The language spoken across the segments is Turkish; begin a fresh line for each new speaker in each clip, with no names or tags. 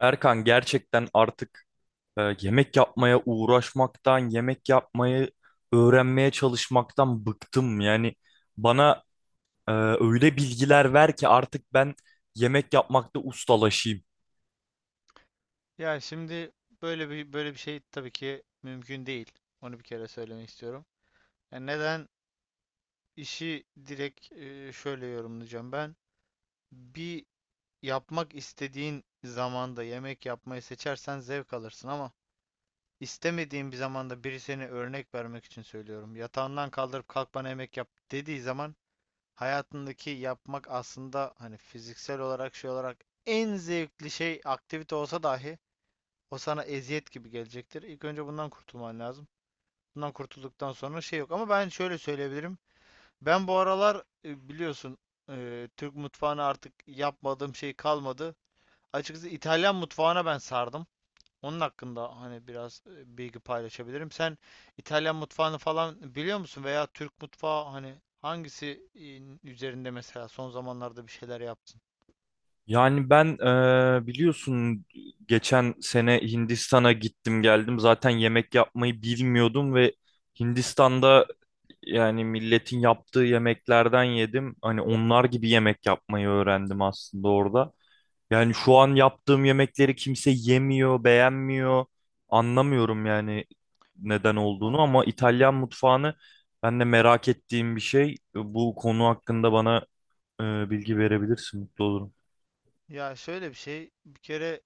Erkan, gerçekten artık yemek yapmaya uğraşmaktan, yemek yapmayı öğrenmeye çalışmaktan bıktım. Yani bana öyle bilgiler ver ki artık ben yemek yapmakta ustalaşayım.
Ya şimdi böyle bir şey tabii ki mümkün değil. Onu bir kere söylemek istiyorum. Yani neden işi direkt şöyle yorumlayacağım ben. Bir yapmak istediğin zamanda yemek yapmayı seçersen zevk alırsın ama istemediğin bir zamanda biri, seni örnek vermek için söylüyorum, yatağından kaldırıp kalk bana yemek yap dediği zaman, hayatındaki yapmak aslında hani fiziksel olarak şey olarak en zevkli şey, aktivite olsa dahi o sana eziyet gibi gelecektir. İlk önce bundan kurtulman lazım. Bundan kurtulduktan sonra şey yok. Ama ben şöyle söyleyebilirim. Ben bu aralar biliyorsun, Türk mutfağına artık yapmadığım şey kalmadı. Açıkçası İtalyan mutfağına ben sardım. Onun hakkında hani biraz bilgi paylaşabilirim. Sen İtalyan mutfağını falan biliyor musun? Veya Türk mutfağı, hani hangisi üzerinde mesela son zamanlarda bir şeyler yaptın?
Yani ben biliyorsun, geçen sene Hindistan'a gittim geldim. Zaten yemek yapmayı bilmiyordum ve Hindistan'da yani milletin yaptığı yemeklerden yedim. Hani onlar gibi yemek yapmayı öğrendim aslında orada. Yani şu an yaptığım yemekleri kimse yemiyor, beğenmiyor. Anlamıyorum yani neden
Ha.
olduğunu, ama İtalyan mutfağını ben de merak ettiğim bir şey. Bu konu hakkında bana bilgi verebilirsin, mutlu olurum.
Ya şöyle bir şey. Bir kere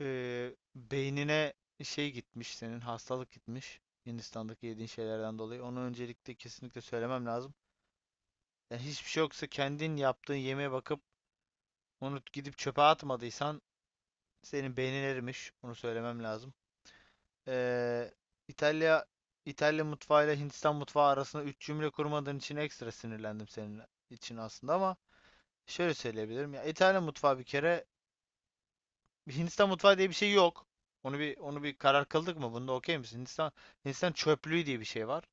Beynine şey gitmiş senin, hastalık gitmiş Hindistan'daki yediğin şeylerden dolayı. Onu öncelikle kesinlikle söylemem lazım. Yani hiçbir şey yoksa kendin yaptığın yemeğe bakıp onu gidip çöpe atmadıysan, senin beynin erimiş. Onu söylemem lazım. Ee, İtalya İtalya mutfağıyla Hindistan mutfağı arasında üç cümle kurmadığın için ekstra sinirlendim senin için aslında, ama şöyle söyleyebilirim. Ya İtalya mutfağı bir kere, bir Hindistan mutfağı diye bir şey yok. Onu bir karar kıldık mı? Bunda okey misin? Hindistan çöplüğü diye bir şey var.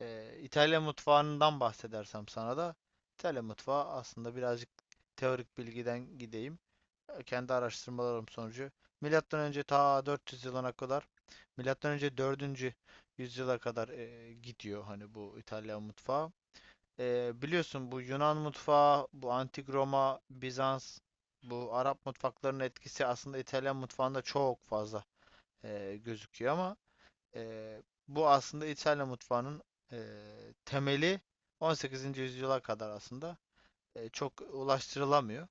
İtalya mutfağından bahsedersem sana da, İtalya mutfağı aslında birazcık teorik bilgiden gideyim. Kendi araştırmalarım sonucu milattan önce ta 400 yılına kadar, milattan önce 4. yüzyıla kadar gidiyor hani bu İtalyan mutfağı. Biliyorsun bu Yunan mutfağı, bu Antik Roma, Bizans, bu Arap mutfaklarının etkisi aslında İtalyan mutfağında çok fazla gözüküyor, ama e, bu aslında İtalyan mutfağının e, temeli 18. yüzyıla kadar aslında çok ulaştırılamıyor.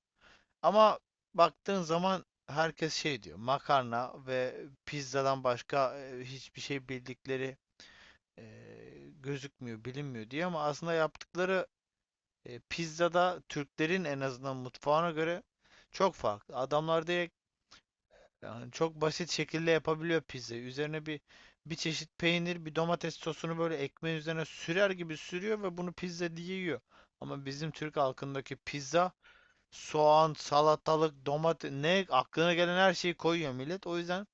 Ama baktığın zaman herkes şey diyor, makarna ve pizzadan başka hiçbir şey bildikleri e, gözükmüyor, bilinmiyor diye, ama aslında yaptıkları pizzada Türklerin en azından mutfağına göre çok farklı. Adamlar direkt yani çok basit şekilde yapabiliyor pizzayı. Üzerine bir çeşit peynir, bir domates sosunu böyle ekmeğin üzerine sürer gibi sürüyor ve bunu pizza diye yiyor. Ama bizim Türk halkındaki pizza, soğan, salatalık, domates ne aklına gelen her şeyi koyuyor millet. O yüzden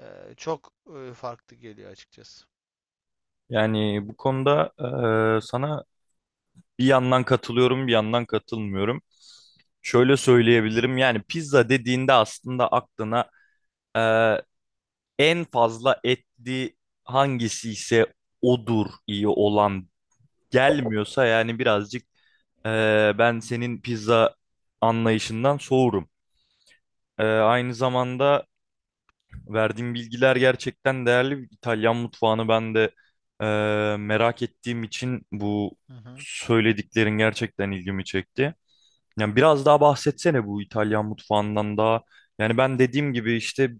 çok farklı geliyor açıkçası.
Yani bu konuda sana bir yandan katılıyorum, bir yandan katılmıyorum. Şöyle söyleyebilirim: yani pizza dediğinde aslında aklına e, en fazla etli hangisi ise odur iyi olan, gelmiyorsa yani birazcık ben senin pizza anlayışından soğurum. Aynı zamanda verdiğin bilgiler gerçekten değerli. İtalyan mutfağını ben de merak ettiğim için bu
Hı hı,
söylediklerin gerçekten ilgimi çekti. Yani biraz daha bahsetsene bu İtalyan mutfağından da. Yani ben dediğim gibi işte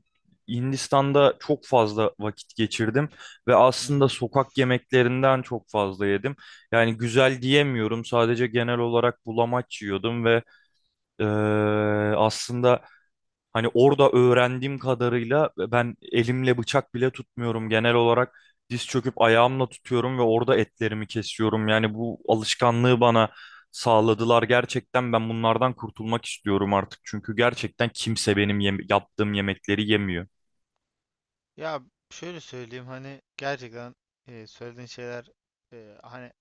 Hindistan'da çok fazla vakit geçirdim ve
hı
aslında
hı.
sokak yemeklerinden çok fazla yedim. Yani güzel diyemiyorum. Sadece genel olarak bulamaç yiyordum ve eee, aslında hani orada öğrendiğim kadarıyla ben elimle bıçak bile tutmuyorum. Genel olarak diz çöküp ayağımla tutuyorum ve orada etlerimi kesiyorum. Yani bu alışkanlığı bana sağladılar. Gerçekten ben bunlardan kurtulmak istiyorum artık. Çünkü gerçekten kimse benim yaptığım yemekleri yemiyor.
Ya şöyle söyleyeyim, hani gerçekten söylediğin şeyler, hani,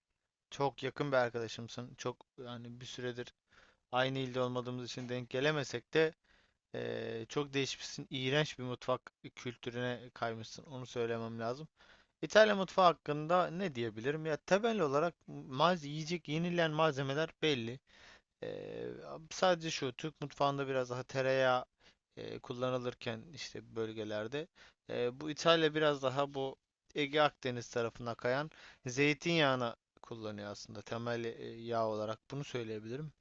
çok yakın bir arkadaşımsın. Çok, yani bir süredir aynı ilde olmadığımız için denk gelemesek de çok değişmişsin. İğrenç bir mutfak kültürüne kaymışsın. Onu söylemem lazım. İtalya mutfağı hakkında ne diyebilirim? Ya temel olarak yiyecek, yenilen malzemeler belli. Ee, sadece şu, Türk mutfağında biraz daha tereyağı kullanılırken işte, bölgelerde, bu İtalya biraz daha bu Ege Akdeniz tarafına kayan zeytinyağını kullanıyor aslında, temel yağ olarak bunu söyleyebilirim.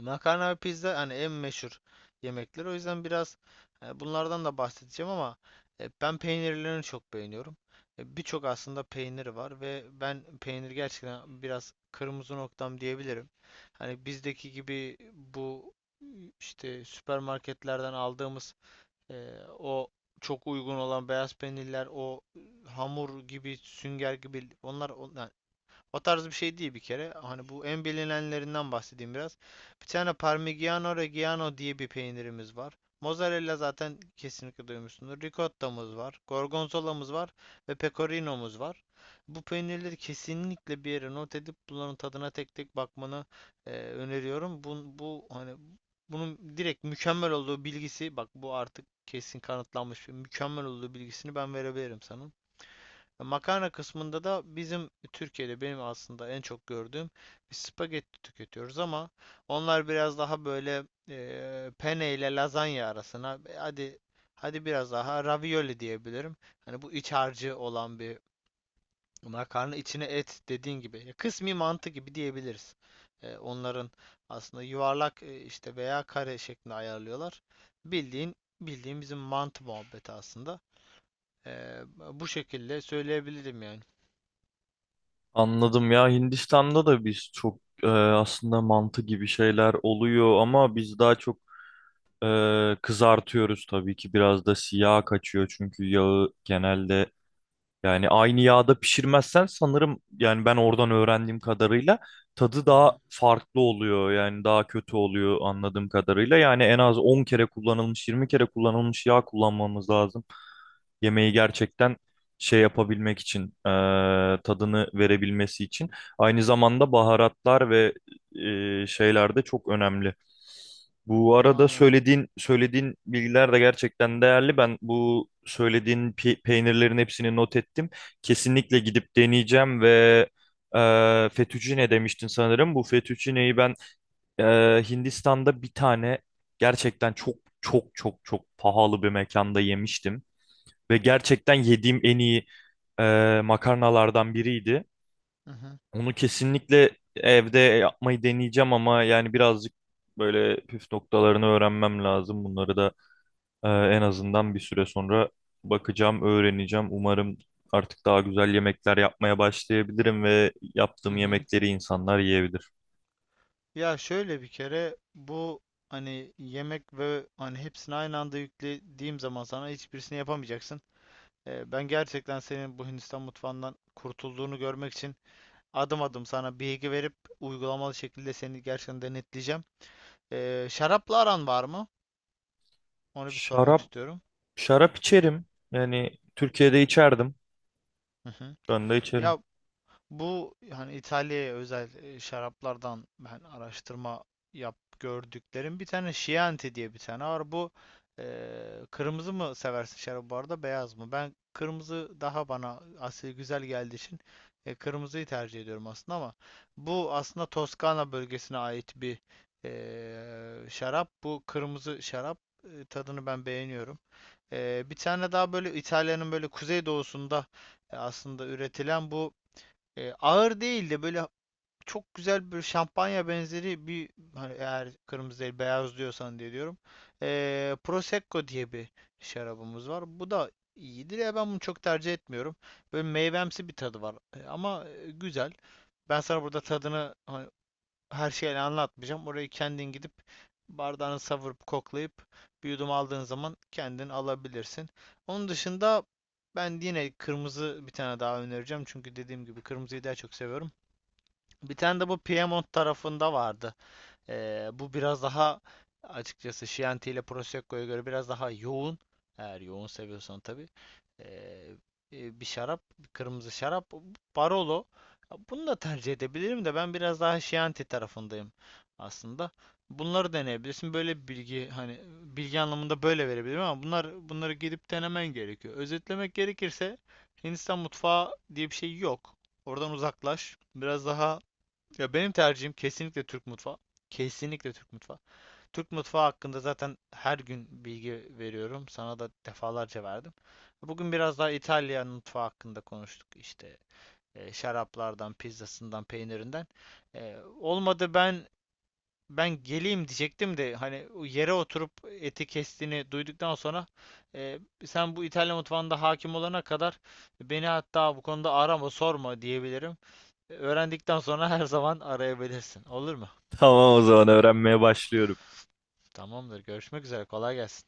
Makarna ve pizza hani en meşhur yemekler. O yüzden biraz bunlardan da bahsedeceğim, ama ben peynirlerini çok beğeniyorum. E, birçok aslında peynir var ve ben peynir gerçekten biraz kırmızı noktam diyebilirim. Hani bizdeki gibi bu, e, işte süpermarketlerden aldığımız e, o çok uygun olan beyaz peynirler, o hamur gibi, sünger gibi, o tarz bir şey değil bir kere. Hani bu en bilinenlerinden bahsedeyim biraz. Bir tane Parmigiano Reggiano diye bir peynirimiz var. Mozzarella zaten kesinlikle duymuşsunuz. Ricottamız var. Gorgonzola'mız var. Ve Pecorino'muz var. Bu peynirleri kesinlikle bir yere not edip bunların tadına tek tek bakmanı öneriyorum. Bu hani, bunun direkt mükemmel olduğu bilgisi, bak, bu artık kesin kanıtlanmış mükemmel olduğu bilgisini ben verebilirim sana. Makarna kısmında da bizim Türkiye'de benim aslında en çok gördüğüm bir spagetti tüketiyoruz, ama onlar biraz daha böyle penne ile lazanya arasına, hadi biraz daha ravioli diyebilirim. Hani bu iç harcı olan bir makarna, içine et dediğin gibi, kısmi mantı gibi diyebiliriz. E, onların aslında yuvarlak işte veya kare şeklinde ayarlıyorlar. Bildiğin bildiğin bizim mantı muhabbeti aslında. E, bu şekilde söyleyebilirim yani.
Anladım ya, Hindistan'da da biz çok aslında mantı gibi şeyler oluyor, ama biz daha çok kızartıyoruz tabii ki, biraz da siyah kaçıyor çünkü yağı genelde, yani aynı yağda pişirmezsen sanırım, yani ben oradan öğrendiğim kadarıyla tadı
Hı hı.
daha farklı oluyor. Yani daha kötü oluyor anladığım kadarıyla. Yani en az 10 kere kullanılmış, 20 kere kullanılmış yağ kullanmamız lazım yemeği gerçekten şey yapabilmek için, tadını verebilmesi için. Aynı zamanda baharatlar ve şeyler de çok önemli. Bu arada
Anladım.
söylediğin bilgiler de gerçekten değerli. Ben bu söylediğin peynirlerin hepsini not ettim. Kesinlikle gidip deneyeceğim ve fettuccine demiştin sanırım. Bu fettuccineyi ben e, Hindistan'da bir tane gerçekten çok çok pahalı bir mekanda yemiştim. Ve gerçekten yediğim en iyi makarnalardan biriydi.
Hı hı.
Onu kesinlikle evde yapmayı deneyeceğim, ama yani birazcık böyle püf noktalarını öğrenmem lazım. Bunları da en azından bir süre sonra bakacağım, öğreneceğim. Umarım artık daha güzel yemekler yapmaya başlayabilirim ve
Hı
yaptığım
hı.
yemekleri insanlar yiyebilir.
Ya şöyle, bir kere bu hani yemek ve hani hepsini aynı anda yüklediğim zaman sana, hiçbirisini yapamayacaksın. Ben gerçekten senin bu Hindistan mutfağından kurtulduğunu görmek için adım adım sana bilgi verip uygulamalı şekilde seni gerçekten denetleyeceğim. Şarapla aran var mı? Onu bir sormak
Şarap,
istiyorum.
şarap içerim. Yani Türkiye'de içerdim.
Hı hı.
Şu anda içerim.
Ya, bu hani İtalya'ya özel şaraplardan ben araştırma yap gördüklerim, bir tane Chianti diye bir tane var. Bu, e, kırmızı mı seversin şarabı bu arada, beyaz mı? Ben, kırmızı daha bana asil güzel geldiği için kırmızıyı tercih ediyorum aslında, ama bu aslında Toskana bölgesine ait bir şarap. Bu kırmızı şarap, tadını ben beğeniyorum. E, bir tane daha, böyle İtalya'nın böyle kuzeydoğusunda aslında üretilen bu, ağır değil de böyle çok güzel bir şampanya benzeri bir, hani eğer kırmızı değil beyaz diyorsan diye diyorum. E, Prosecco diye bir şarabımız var. Bu da iyidir, ya ben bunu çok tercih etmiyorum. Böyle meyvemsi bir tadı var, ama güzel. Ben sana burada tadını, her şeyini anlatmayacağım. Orayı kendin gidip bardağını savurup koklayıp bir yudum aldığın zaman kendin alabilirsin. Onun dışında ben yine kırmızı bir tane daha önereceğim. Çünkü dediğim gibi kırmızıyı daha çok seviyorum. Bir tane de bu Piemont tarafında vardı. Bu biraz daha, açıkçası Chianti ile Prosecco'ya göre biraz daha yoğun. Eğer yoğun seviyorsan tabii. Ee, bir şarap, bir kırmızı şarap, Barolo. Bunu da tercih edebilirim de, ben biraz daha Chianti tarafındayım aslında. Bunları deneyebilirsin. Böyle bir bilgi, hani bilgi anlamında böyle verebilirim ama, bunları gidip denemen gerekiyor. Özetlemek gerekirse, Hindistan mutfağı diye bir şey yok. Oradan uzaklaş. Biraz daha, ya benim tercihim kesinlikle Türk mutfağı. Kesinlikle Türk mutfağı. Türk mutfağı hakkında zaten her gün bilgi veriyorum. Sana da defalarca verdim. Bugün biraz daha İtalyan mutfağı hakkında konuştuk. İşte şaraplardan, pizzasından, peynirinden. E, olmadı, ben geleyim diyecektim de, hani o yere oturup eti kestiğini duyduktan sonra, e, sen bu İtalyan mutfağında hakim olana kadar beni, hatta bu konuda arama, sorma diyebilirim. Öğrendikten sonra her zaman arayabilirsin. Olur mu?
Tamam, o zaman öğrenmeye başlıyorum.
Tamamdır. Görüşmek üzere. Kolay gelsin.